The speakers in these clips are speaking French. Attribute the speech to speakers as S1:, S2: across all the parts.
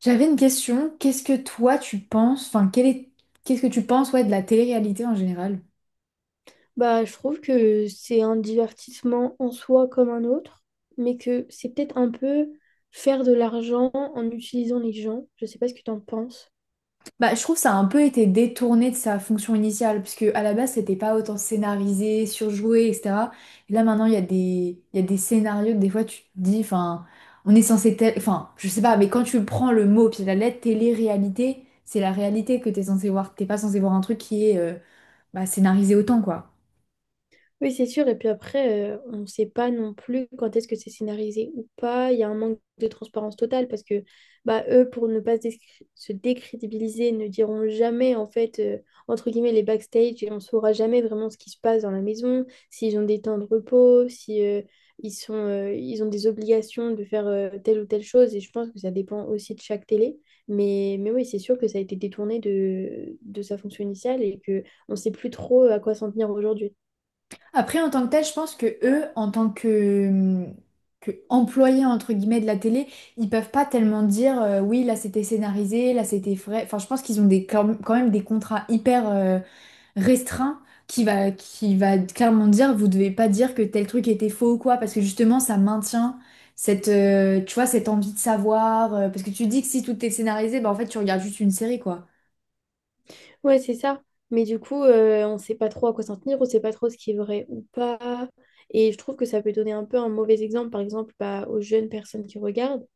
S1: J'avais une question. Qu'est-ce que toi tu penses, enfin, qu'est-ce que tu penses, ouais, de la télé-réalité en général?
S2: Bah, je trouve que c'est un divertissement en soi comme un autre, mais que c'est peut-être un peu faire de l'argent en utilisant les gens. Je sais pas ce que tu en penses.
S1: Bah, je trouve que ça a un peu été détourné de sa fonction initiale, parce que à la base, c'était pas autant scénarisé, surjoué, etc. Et là, maintenant, il y a des scénarios que des fois, tu te dis, enfin, on est censé, enfin, je sais pas, mais quand tu prends le mot, puis la lettre télé-réalité, c'est la réalité que t'es censé voir. T'es pas censé voir un truc qui est, bah, scénarisé autant, quoi.
S2: Oui, c'est sûr. Et puis après, on ne sait pas non plus quand est-ce que c'est scénarisé ou pas. Il y a un manque de transparence totale parce que bah, eux, pour ne pas se décrédibiliser, ne diront jamais, en fait, entre guillemets, les backstage et on ne saura jamais vraiment ce qui se passe dans la maison, s'ils ont des temps de repos, si ils sont, ils ont des obligations de faire telle ou telle chose. Et je pense que ça dépend aussi de chaque télé. Mais oui, c'est sûr que ça a été détourné de sa fonction initiale et que on ne sait plus trop à quoi s'en tenir aujourd'hui.
S1: Après, en tant que tel, je pense que eux, en tant que, employés entre guillemets de la télé, ils peuvent pas tellement dire oui, là c'était scénarisé, là c'était vrai. Enfin, je pense qu'ils ont des, quand même des contrats hyper restreints qui va clairement dire vous devez pas dire que tel truc était faux ou quoi, parce que justement ça maintient, tu vois, cette envie de savoir. Parce que tu dis que si tout est scénarisé, bah en fait tu regardes juste une série quoi.
S2: Ouais, c'est ça. Mais du coup, on ne sait pas trop à quoi s'en tenir, on ne sait pas trop ce qui est vrai ou pas. Et je trouve que ça peut donner un peu un mauvais exemple, par exemple, bah, aux jeunes personnes qui regardent.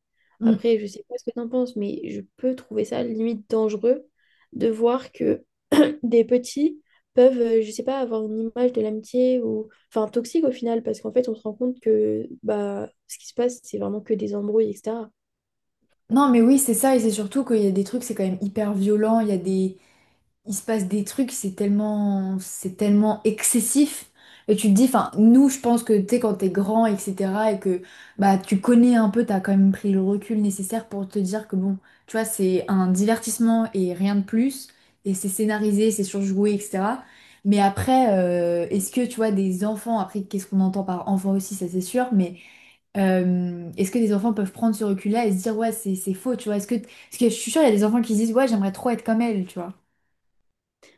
S2: Après, je sais pas ce que t'en penses, mais je peux trouver ça limite dangereux de voir que des petits peuvent, je sais pas, avoir une image de l'amitié ou, enfin, toxique au final, parce qu'en fait, on se rend compte que bah, ce qui se passe, c'est vraiment que des embrouilles, etc.
S1: Non, mais oui, c'est ça, et c'est surtout qu'il y a des trucs, c'est quand même hyper violent, il se passe des trucs, c'est tellement excessif. Et tu te dis, enfin, nous, je pense que, tu sais, quand t'es grand, etc., et que, bah, tu connais un peu, t'as quand même pris le recul nécessaire pour te dire que, bon, tu vois, c'est un divertissement et rien de plus, et c'est scénarisé, c'est surjoué, etc. Mais après, est-ce que, tu vois, des enfants, après, qu'est-ce qu'on entend par enfant aussi, ça c'est sûr, mais. Est-ce que des enfants peuvent prendre ce recul-là et se dire, ouais, c'est faux, tu vois? Est-ce que, parce que je suis sûre, il y a des enfants qui se disent, ouais, j'aimerais trop être comme elle, tu vois?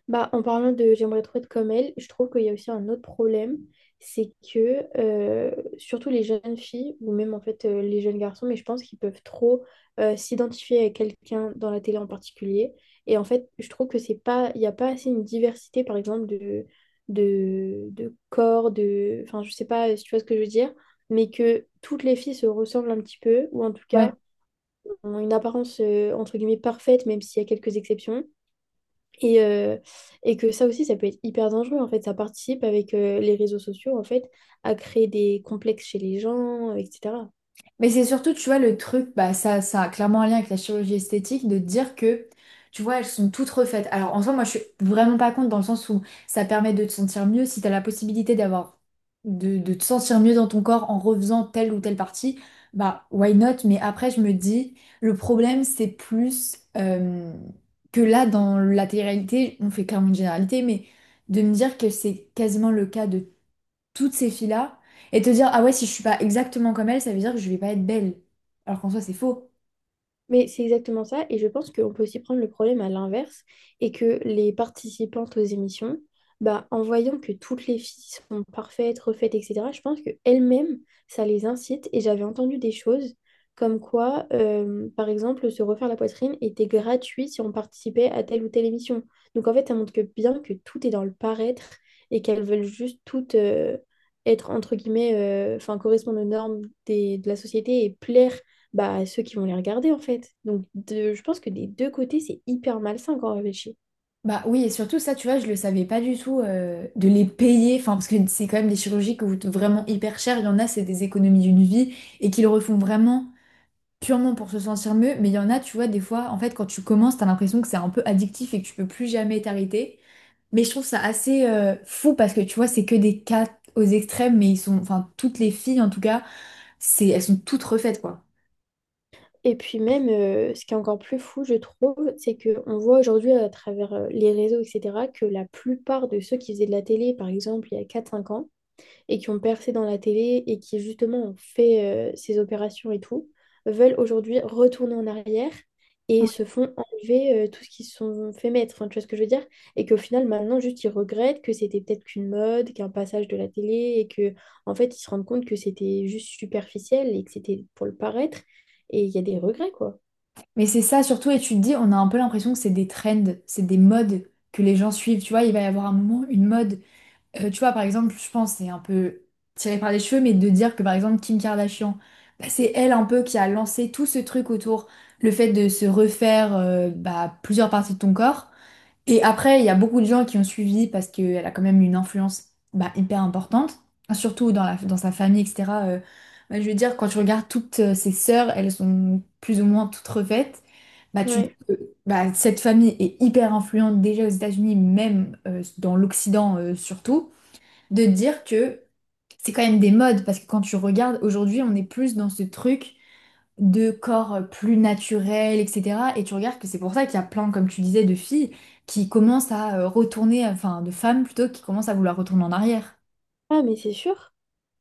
S2: Bah, en parlant de j'aimerais trop être comme elle, je trouve qu'il y a aussi un autre problème, c'est que surtout les jeunes filles, ou même en fait les jeunes garçons, mais je pense qu'ils peuvent trop s'identifier à quelqu'un dans la télé en particulier. Et en fait, je trouve que c'est pas, il n'y a pas assez une diversité, par exemple, de corps, de. Enfin, je sais pas si tu vois ce que je veux dire, mais que toutes les filles se ressemblent un petit peu, ou en tout cas ont une apparence entre guillemets parfaite, même s'il y a quelques exceptions. Et, euh, et que ça aussi, ça peut être hyper dangereux. En fait, ça participe avec les réseaux sociaux, en fait, à créer des complexes chez les gens, etc.
S1: Mais c'est surtout, tu vois, le truc, bah, ça a clairement un lien avec la chirurgie esthétique, de dire que, tu vois, elles sont toutes refaites. Alors, en soi, moi, je suis vraiment pas contre dans le sens où ça permet de te sentir mieux si t'as la possibilité d'avoir, de te sentir mieux dans ton corps en refaisant telle ou telle partie, bah, why not? Mais après, je me dis, le problème, c'est plus que là, dans la télé-réalité, on fait clairement une généralité, mais de me dire que c'est quasiment le cas de toutes ces filles-là et te dire, ah ouais, si je suis pas exactement comme elles, ça veut dire que je vais pas être belle. Alors qu'en soi, c'est faux.
S2: Mais c'est exactement ça, et je pense qu'on peut aussi prendre le problème à l'inverse, et que les participantes aux émissions, bah, en voyant que toutes les filles sont parfaites, refaites, etc., je pense qu'elles-mêmes, ça les incite, et j'avais entendu des choses comme quoi, par exemple, se refaire la poitrine était gratuit si on participait à telle ou telle émission. Donc en fait, ça montre que bien que tout est dans le paraître, et qu'elles veulent juste toutes être, entre guillemets, enfin, correspondre aux de la société et plaire bah, ceux qui vont les regarder en fait. Je pense que des deux côtés, c'est hyper malsain quand on réfléchit.
S1: Bah oui, et surtout ça, tu vois, je le savais pas du tout de les payer, enfin parce que c'est quand même des chirurgies qui coûtent vraiment hyper cher. Il y en a, c'est des économies d'une vie et qui le refont vraiment purement pour se sentir mieux. Mais il y en a, tu vois, des fois, en fait, quand tu commences, t'as l'impression que c'est un peu addictif et que tu peux plus jamais t'arrêter. Mais je trouve ça assez fou parce que tu vois, c'est que des cas aux extrêmes, mais ils sont, enfin toutes les filles en tout cas, c'est, elles sont toutes refaites quoi.
S2: Et puis même, ce qui est encore plus fou, je trouve, c'est qu'on voit aujourd'hui à travers les réseaux, etc., que la plupart de ceux qui faisaient de la télé, par exemple, il y a quatre cinq ans, et qui ont percé dans la télé et qui justement ont fait ces opérations et tout, veulent aujourd'hui retourner en arrière et se font enlever tout ce qu'ils se sont fait mettre. Enfin, tu vois ce que je veux dire? Et qu'au final, maintenant, juste, ils regrettent que c'était peut-être qu'une mode, qu'un passage de la télé et que, en fait, ils se rendent compte que c'était juste superficiel et que c'était pour le paraître. Et il y a des regrets, quoi.
S1: Mais c'est ça surtout, et tu te dis, on a un peu l'impression que c'est des trends, c'est des modes que les gens suivent. Tu vois, il va y avoir un moment, une mode. Tu vois, par exemple, je pense, c'est un peu tiré par les cheveux, mais de dire que par exemple, Kim Kardashian, bah, c'est elle un peu qui a lancé tout ce truc autour le fait de se refaire bah, plusieurs parties de ton corps. Et après, il y a beaucoup de gens qui ont suivi parce qu'elle a quand même une influence bah, hyper importante, surtout dans sa famille, etc. Bah, je veux dire, quand tu regardes toutes ses sœurs, elles sont plus ou moins toutes refaites. Bah,
S2: Ouais.
S1: euh, cette famille est hyper influente déjà aux États-Unis, même dans l'Occident surtout, de dire que c'est quand même des modes, parce que quand tu regardes, aujourd'hui, on est plus dans ce truc de corps plus naturel, etc. Et tu regardes que c'est pour ça qu'il y a plein, comme tu disais, de filles qui commencent à retourner, enfin, de femmes plutôt, qui commencent à vouloir retourner en arrière.
S2: Ah, mais c'est sûr.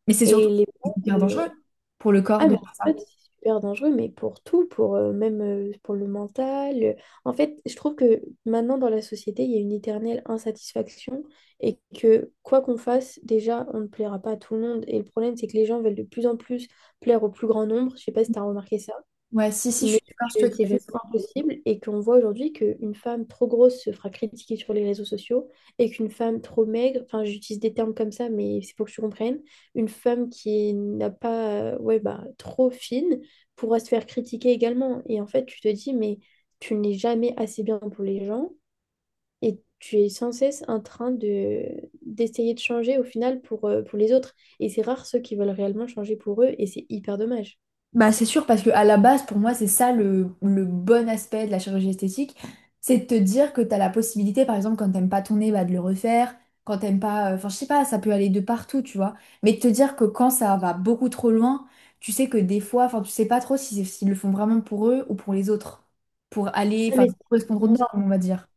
S1: Mais c'est
S2: Et
S1: surtout
S2: les modes,
S1: hyper dangereux pour le corps
S2: Ah,
S1: de
S2: mais en
S1: faire ça.
S2: fait, c'est super dangereux, mais pour tout, pour même pour le mental. En fait, je trouve que maintenant dans la société, il y a une éternelle insatisfaction et que quoi qu'on fasse, déjà, on ne plaira pas à tout le monde. Et le problème, c'est que les gens veulent de plus en plus plaire au plus grand nombre. Je sais pas si tu as remarqué ça
S1: Ouais, si, si, je
S2: mais
S1: suis d'accord, je
S2: que
S1: te
S2: c'est juste impossible et qu'on voit aujourd'hui qu'une femme trop grosse se fera critiquer sur les réseaux sociaux et qu'une femme trop maigre, enfin j'utilise des termes comme ça, mais c'est pour que tu comprennes, une femme qui n'a pas, ouais, bah, trop fine pourra se faire critiquer également. Et en fait, tu te dis, mais tu n'es jamais assez bien pour les gens et tu es sans cesse en train de d'essayer de changer au final pour les autres. Et c'est rare ceux qui veulent réellement changer pour eux et c'est hyper dommage.
S1: Bah, c'est sûr, parce que à la base, pour moi, c'est ça le bon aspect de la chirurgie esthétique. C'est de te dire que tu as la possibilité, par exemple, quand t'aimes pas ton nez, bah, de le refaire. Quand t'aimes pas. Enfin, je sais pas, ça peut aller de partout, tu vois. Mais de te dire que quand ça va beaucoup trop loin, tu sais que des fois, enfin, tu sais pas trop si s'ils le font vraiment pour eux ou pour les autres. Pour aller,
S2: Ah,
S1: enfin,
S2: mais
S1: correspondre aux
S2: c'est-
S1: normes, on va dire.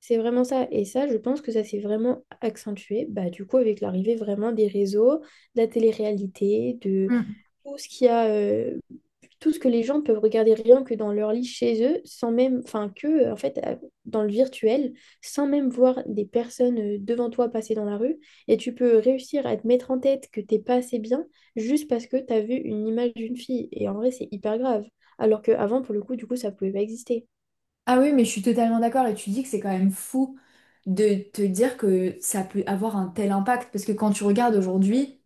S2: C'est vraiment ça. Et ça, je pense que ça s'est vraiment accentué, bah, du coup, avec l'arrivée vraiment des réseaux, de la télé-réalité, de
S1: Mm.
S2: tout ce qu'il y a, tout ce que les gens peuvent regarder rien que dans leur lit chez eux, sans même, enfin, que, en fait, dans le virtuel, sans même voir des personnes devant toi passer dans la rue. Et tu peux réussir à te mettre en tête que t'es pas assez bien juste parce que t'as vu une image d'une fille. Et en vrai, c'est hyper grave. Alors qu'avant, pour le coup, du coup, ça pouvait pas exister.
S1: Ah oui, mais je suis totalement d'accord. Et tu dis que c'est quand même fou de te dire que ça peut avoir un tel impact. Parce que quand tu regardes aujourd'hui,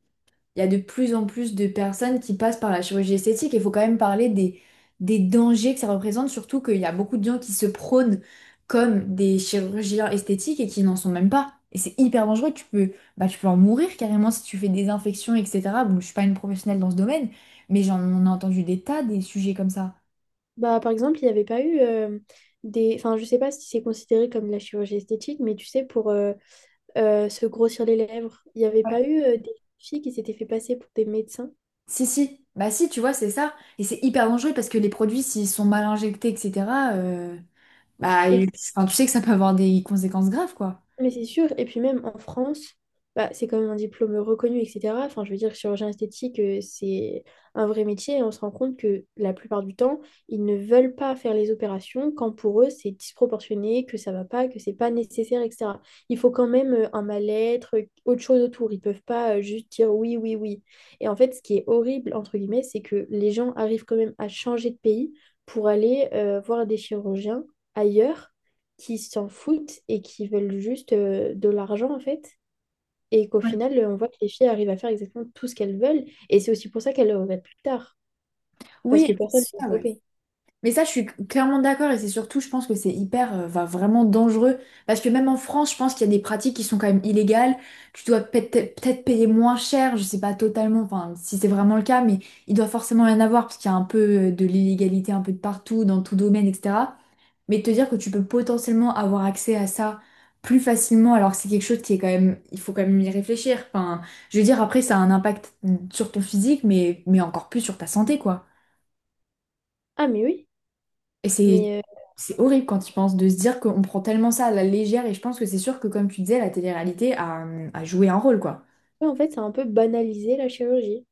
S1: il y a de plus en plus de personnes qui passent par la chirurgie esthétique. Il faut quand même parler des dangers que ça représente, surtout qu'il y a beaucoup de gens qui se prônent comme des chirurgiens esthétiques et qui n'en sont même pas. Et c'est hyper dangereux, bah, tu peux en mourir carrément si tu fais des infections, etc. Bon, je suis pas une professionnelle dans ce domaine, mais j'en ai entendu des tas des sujets comme ça.
S2: Bah, par exemple, il n'y avait pas eu Enfin, je sais pas si c'est considéré comme de la chirurgie esthétique, mais tu sais, pour se grossir les lèvres, il n'y avait pas eu des filles qui s'étaient fait passer pour des médecins.
S1: Si, si, bah si, tu vois, c'est ça. Et c'est hyper dangereux parce que les produits, s'ils sont mal injectés, etc., euh, bah,
S2: Et
S1: enfin, tu sais que ça peut avoir des conséquences graves, quoi.
S2: mais c'est sûr, et puis même en France, bah, c'est quand même un diplôme reconnu, etc. Enfin, je veux dire, chirurgien esthétique, c'est un vrai métier et on se rend compte que la plupart du temps, ils ne veulent pas faire les opérations quand pour eux, c'est disproportionné, que ça va pas, que c'est pas nécessaire, etc. Il faut quand même un mal-être, autre chose autour. Ils peuvent pas juste dire oui, oui, oui. Et en fait, ce qui est horrible, entre guillemets, c'est que les gens arrivent quand même à changer de pays pour aller voir des chirurgiens ailleurs qui s'en foutent et qui veulent juste de l'argent en fait. Et qu'au final, on voit que les filles arrivent à faire exactement tout ce qu'elles veulent. Et c'est aussi pour ça qu'elles le regrettent plus tard. Parce que
S1: Oui,
S2: personne ne
S1: c'est
S2: les a
S1: ça, ouais.
S2: stoppées.
S1: Mais ça, je suis clairement d'accord et c'est surtout, je pense que c'est hyper, va vraiment dangereux parce que même en France, je pense qu'il y a des pratiques qui sont quand même illégales. Tu dois peut-être payer moins cher, je sais pas totalement, enfin si c'est vraiment le cas, mais il doit forcément y en avoir parce qu'il y a un peu de l'illégalité un peu de partout, dans tout domaine, etc. Mais te dire que tu peux potentiellement avoir accès à ça plus facilement, alors que c'est quelque chose qui est quand même, il faut quand même y réfléchir. Enfin, je veux dire, après, ça a un impact sur ton physique, mais encore plus sur ta santé, quoi.
S2: Ah mais oui,
S1: Et c'est
S2: mais euh,
S1: c'est horrible quand tu penses de se dire qu'on prend tellement ça à la légère et je pense que c'est sûr que comme tu disais, la télé-réalité a joué un rôle quoi.
S2: ouais, en fait, c'est un peu banalisé la chirurgie.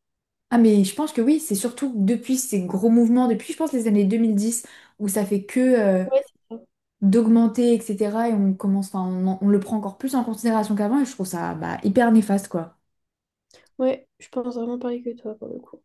S1: Ah mais je pense que oui, c'est surtout depuis ces gros mouvements, depuis je pense les années 2010 où ça fait que
S2: Ouais, c'est ça.
S1: d'augmenter etc. et on commence, enfin on le prend encore plus en considération qu'avant et je trouve ça bah, hyper néfaste quoi.
S2: Ouais, je pense vraiment pareil que toi pour le coup.